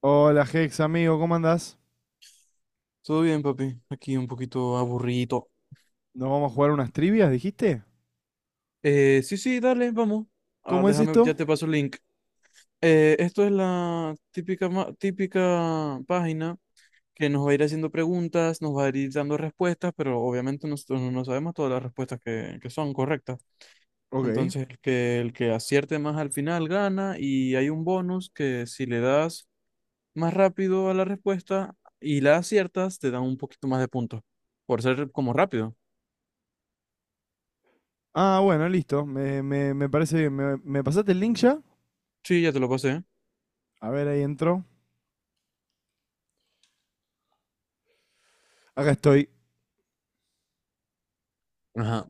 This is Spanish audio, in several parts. Hola Hex, amigo, ¿cómo andás? Todo bien, papi. Aquí un poquito aburrido. ¿Nos vamos a jugar unas trivias, dijiste? Sí, sí, dale, vamos. Ah, ¿Cómo es déjame, esto? ya te paso el link. Esto es la típica, típica página que nos va a ir haciendo preguntas, nos va a ir dando respuestas, pero obviamente nosotros no sabemos todas las respuestas que son correctas. Ok. Entonces, el que acierte más al final gana y hay un bonus que si le das más rápido a la respuesta y la aciertas, te dan un poquito más de puntos por ser como rápido. Ah, bueno, listo. Me parece bien. ¿Me pasaste el link ya? Sí, ya te lo pasé. A ver, ahí entró. Acá estoy. Ajá.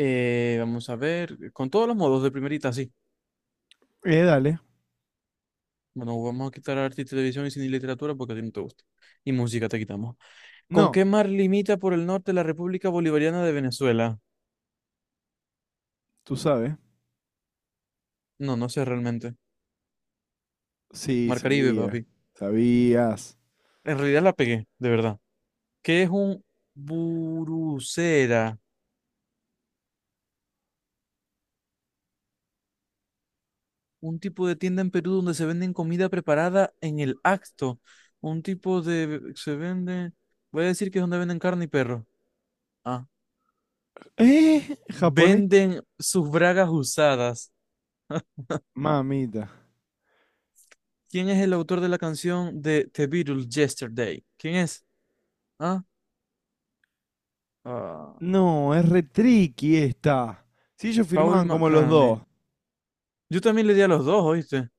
Vamos a ver, con todos los modos de primerita, sí. Dale. Bueno, vamos a quitar arte y televisión y cine y literatura porque a ti no te gusta. Y música te quitamos. ¿Con No, qué mar limita por el norte la República Bolivariana de Venezuela? tú sabes. No, no sé realmente. Sí, Mar Caribe, sabía. papi. Sabías. En realidad la pegué, de verdad. ¿Qué es un burucera? Un tipo de tienda en Perú donde se venden comida preparada en el acto. Un tipo de. Se vende. Voy a decir que es donde venden carne y perro. Ah. ¿Eh? ¿Japonés? Venden sus bragas usadas. Mamita. ¿Quién es el autor de la canción de The Beatles Yesterday? ¿Quién es? ¿Ah? ah, No, es re tricky esta. Si ellos Paul firmaban como los McCartney. dos. Yo también le di a los dos, ¿oíste?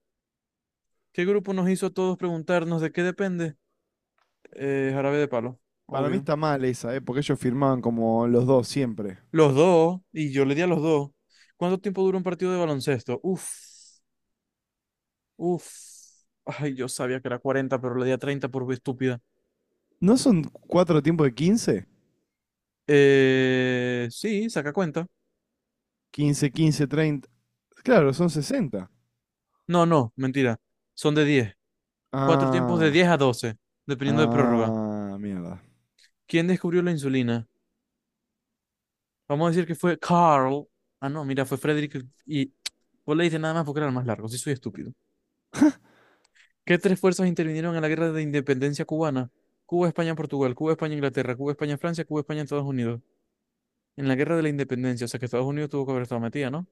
¿Qué grupo nos hizo a todos preguntarnos de qué depende? Jarabe de Palo, Para mí obvio. está mal esa, ¿eh? Porque ellos firmaban como los dos siempre. Los dos, y yo le di a los dos. ¿Cuánto tiempo dura un partido de baloncesto? Uf, uf. Ay, yo sabía que era 40, pero le di a 30 por estúpida. ¿No son cuatro tiempos de 15? Sí, saca cuenta. 15, 15, 30, claro, son 60. No, no, mentira. Son de 10. Cuatro tiempos de Ah, 10 a 12, dependiendo de prórroga. ah, mierda. ¿Quién descubrió la insulina? Vamos a decir que fue Carl. Ah, no, mira, fue Frederick y vos le dices nada más porque era el más largo, sí soy estúpido. ¿Qué tres fuerzas intervinieron en la guerra de independencia cubana? Cuba, España, Portugal, Cuba, España, Inglaterra, Cuba, España, Francia, Cuba, España, Estados Unidos. En la guerra de la independencia, o sea que Estados Unidos tuvo que haber estado metida, ¿no?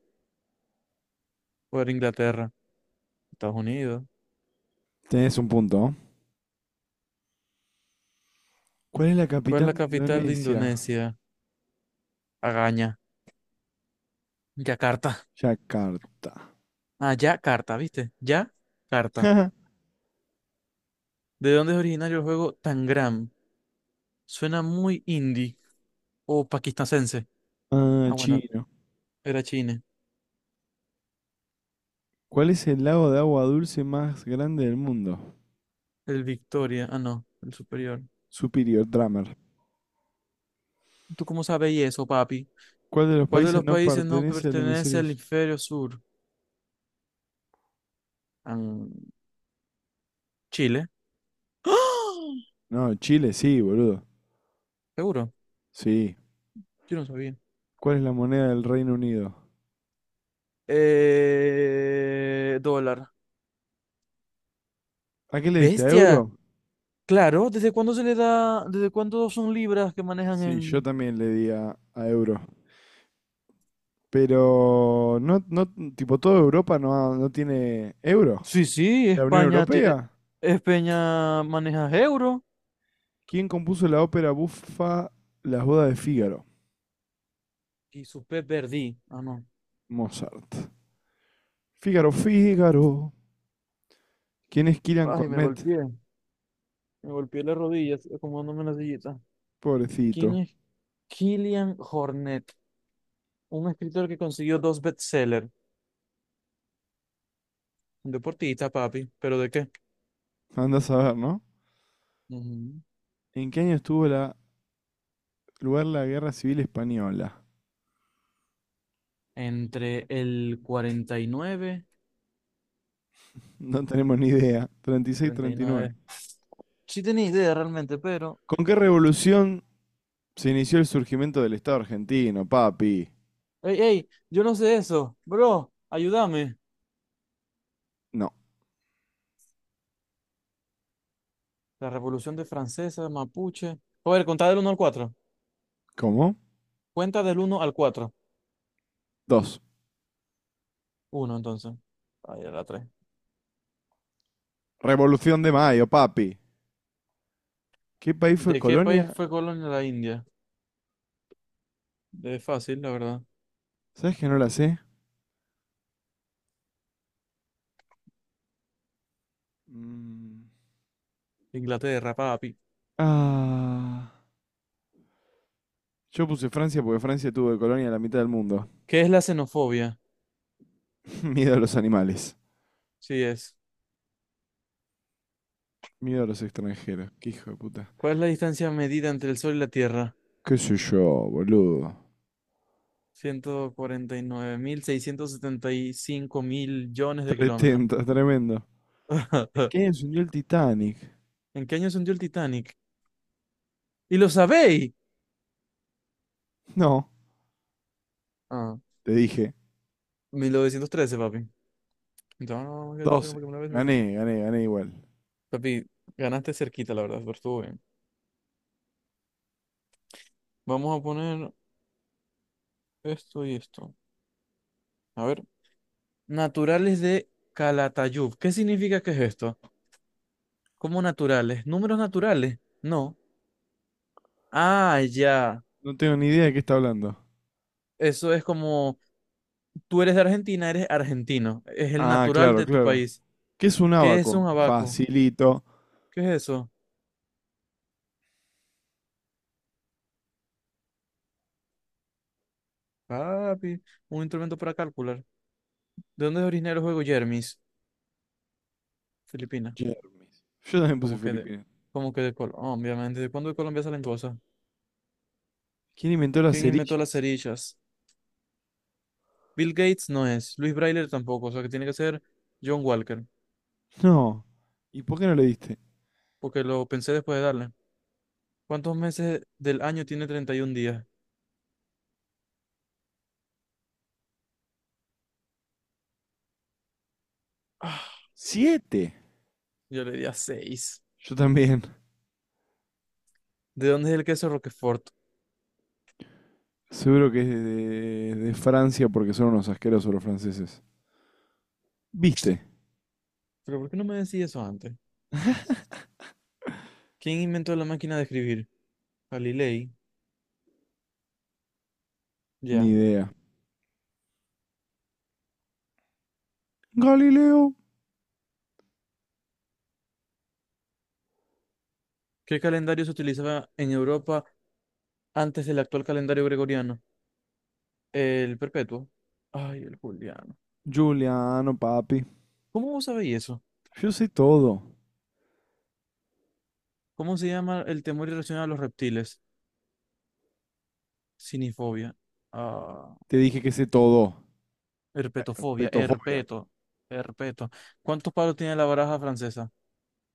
O era Inglaterra, Estados Unidos. Tenés un punto. ¿Cuál es la ¿Cuál es capital la de capital de Indonesia? Indonesia? Agaña. Yakarta. Yakarta. Ah, Yakarta, ¿viste? Yakarta. ¿De dónde es originario el juego Tangram? Suena muy indie o pakistanense. Ah, Ah, bueno, chino. era China. ¿Cuál es el lago de agua dulce más grande del mundo? El Victoria. Ah, no, el superior. Superior Drummer. ¿Tú cómo sabes eso, papi? ¿Cuál de los ¿Cuál de países los no países no pertenece al pertenece hemisferio al sur? hemisferio sur? Am, Chile. ¡Ah! No, Chile sí, boludo. ¿Seguro? Sí. Yo no sabía. ¿Cuál es la moneda del Reino Unido? Dólar. ¿A qué le diste? ¿A Bestia. euro? Claro, ¿desde cuándo se le da, desde cuándo son libras que manejan Sí, yo en. también le di a euro. Pero no, no, tipo, toda Europa no, no tiene euro. Sí, sí, La Unión España, Europea. España maneja euro. ¿Quién compuso la ópera bufa Las bodas de Fígaro? Y su pez perdí. Ah, no. Mozart. Fígaro, Fígaro. ¿Quién es Kiran Ay, me Cornet? golpeé. Me golpeé las rodillas, acomodando una sillita. ¿Quién Pobrecito. es Killian Hornet? Un escritor que consiguió dos bestsellers. Un deportista, papi. ¿Pero de qué? Andás a ver, ¿no? Ujú. ¿En qué año estuvo lugar la Guerra Civil Española? Entre el 49, No tenemos ni idea. 30, 36, 39 39. Sí tenía idea realmente, pero. ¿Con qué revolución se inició el surgimiento del Estado argentino, papi? ¡Ey, ey! Yo no sé eso. Bro, ayúdame. No. La Revolución de Francesa, Mapuche. A ver, contá del uno al 4. ¿Cómo? Cuenta del uno al cuatro. Dos. Uno entonces. Ahí era la 3. Revolución de Mayo, papi. ¿Qué país fue ¿De qué país Colonia? fue colonia la India? De fácil, la verdad. ¿Sabes que no la sé? Mm. Inglaterra, papi. Ah, yo puse Francia porque Francia tuvo de colonia la mitad del mundo. ¿Qué es la xenofobia? Miedo a los animales. Sí es. Miedo a los extranjeros. Qué hijo de puta. ¿Cuál es la distancia medida entre el Sol y la Tierra? ¿Qué sé yo, boludo? 149,675 millones de kilómetros. Tretenta, tremendo. ¿En qué año se hundió el Titanic? ¿En qué año se hundió el Titanic? ¿Y lo sabéis? No, Ah, te dije. 1913, papi. Entonces, no, que 12. tengo que me la ves, no, no. Gané, gané, gané igual. Papi, ganaste cerquita, la verdad, pero estuvo bien. Vamos a poner esto y esto. A ver. Naturales de Calatayud. ¿Qué significa que es esto? ¿Cómo naturales? ¿Números naturales? No. Ah, ya. No tengo ni idea de qué está hablando. Eso es como. Tú eres de Argentina, eres argentino. Es el Ah, natural claro, de tu claro. país. ¿Qué es un ¿Qué es un abaco? abaco? Facilito. ¿Qué es eso? Papi, un instrumento para calcular. ¿De dónde es originario el juego Jermis? Filipinas. Jermis. Yo también puse ¿Cómo que de? Filipinas. ¿Cómo que de Colombia? Obviamente. ¿De cuándo de Colombia salen cosas? ¿Quién inventó las ¿Quién inventó las cerillas? cerillas? Bill Gates no es. Luis Braille tampoco. O sea que tiene que ser John Walker. No. ¿Y por qué no le diste? Porque lo pensé después de darle. ¿Cuántos meses del año tiene 31 días? Ah, ¡7! yo le di a 6. Yo también. ¿De dónde es el queso Roquefort? Seguro que es de Francia porque son unos asquerosos los franceses. ¿Viste? Pero ¿por qué no me decís eso antes? ¿Quién inventó la máquina de escribir? Galilei. Ni Ya. idea. Galileo. ¿Qué calendario se utilizaba en Europa antes del actual calendario gregoriano? El perpetuo. Ay, el juliano. Giuliano, papi. ¿Cómo vos sabéis eso? Yo sé todo. ¿Cómo se llama el temor irracional a los reptiles? Cinifobia. Ah, Te dije que sé todo. herpetofobia. Petofobia. Herpeto. Herpeto. ¿Cuántos palos tiene la baraja francesa?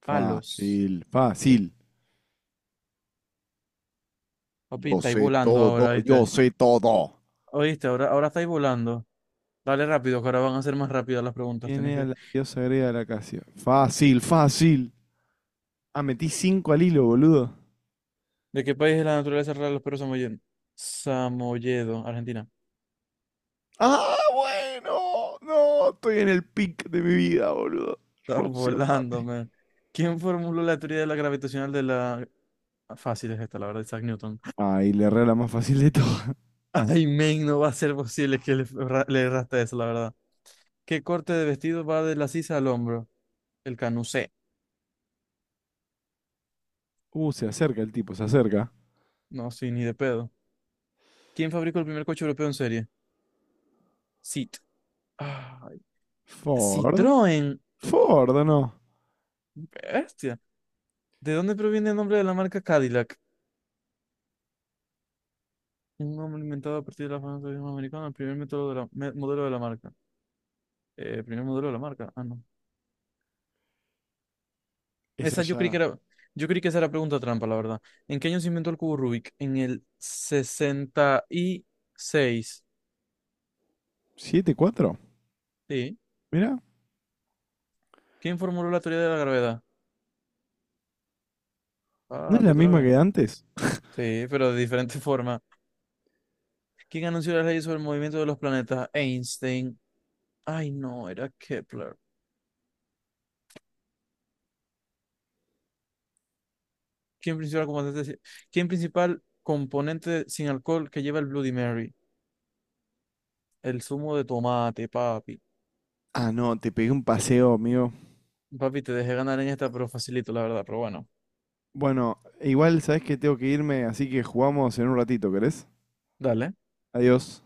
Palos. Fácil, fácil. Papi, Yo estáis sé volando todo, ahora, yo ¿viste? sé todo. ¿Oíste? Ahora, ahora estáis volando. Dale rápido, que ahora van a ser más rápidas las preguntas. ¿Quién Tenés era que. la diosa griega de la Casia? Fácil, fácil. Ah, metí cinco al hilo, boludo. ¿De qué país es la naturaleza rara de los perros samoyedos? Samoyedo, Argentina. Ah, bueno. No, estoy en el pic de mi vida, boludo. Está Rusia, volando, papi. man. ¿Quién formuló la teoría de la gravitacional de la. Fácil es esta, la verdad, Isaac Newton. Ah, y le erré la más fácil de todas. Ay, men, no va a ser posible que le erraste eso, la verdad. ¿Qué corte de vestido va de la sisa al hombro? El canucé. Se acerca el tipo, se acerca. No, sí, ni de pedo. ¿Quién fabricó el primer coche europeo en serie? Cit. Ay, Ford. Citroën. Ford, no. Bestia. ¿De dónde proviene el nombre de la marca Cadillac? Un nombre inventado a partir de la famosa idioma americana, el primer método de la, modelo de la marca. Primer modelo de la marca. Ah, no. Es Esa yo creí que allá. era, yo creí que esa era pregunta trampa, la verdad. ¿En qué año se inventó el cubo Rubik? En el 66. 74. Sí. Mira, ¿Quién formuló la teoría de la gravedad? ¿no es Papi, la otra misma vez. que antes? Sí, pero de diferente forma. ¿Quién anunció las leyes sobre el movimiento de los planetas? Einstein. Ay, no, era Kepler. ¿Quién principal componente, ¿Quién principal componente sin alcohol que lleva el Bloody Mary? El zumo de tomate, papi. Ah, no, te pegué un paseo, amigo. Papi, te dejé ganar en esta, pero facilito, la verdad, pero bueno. Bueno, igual sabes que tengo que irme, así que jugamos en un ratito, ¿querés? Dale. Adiós.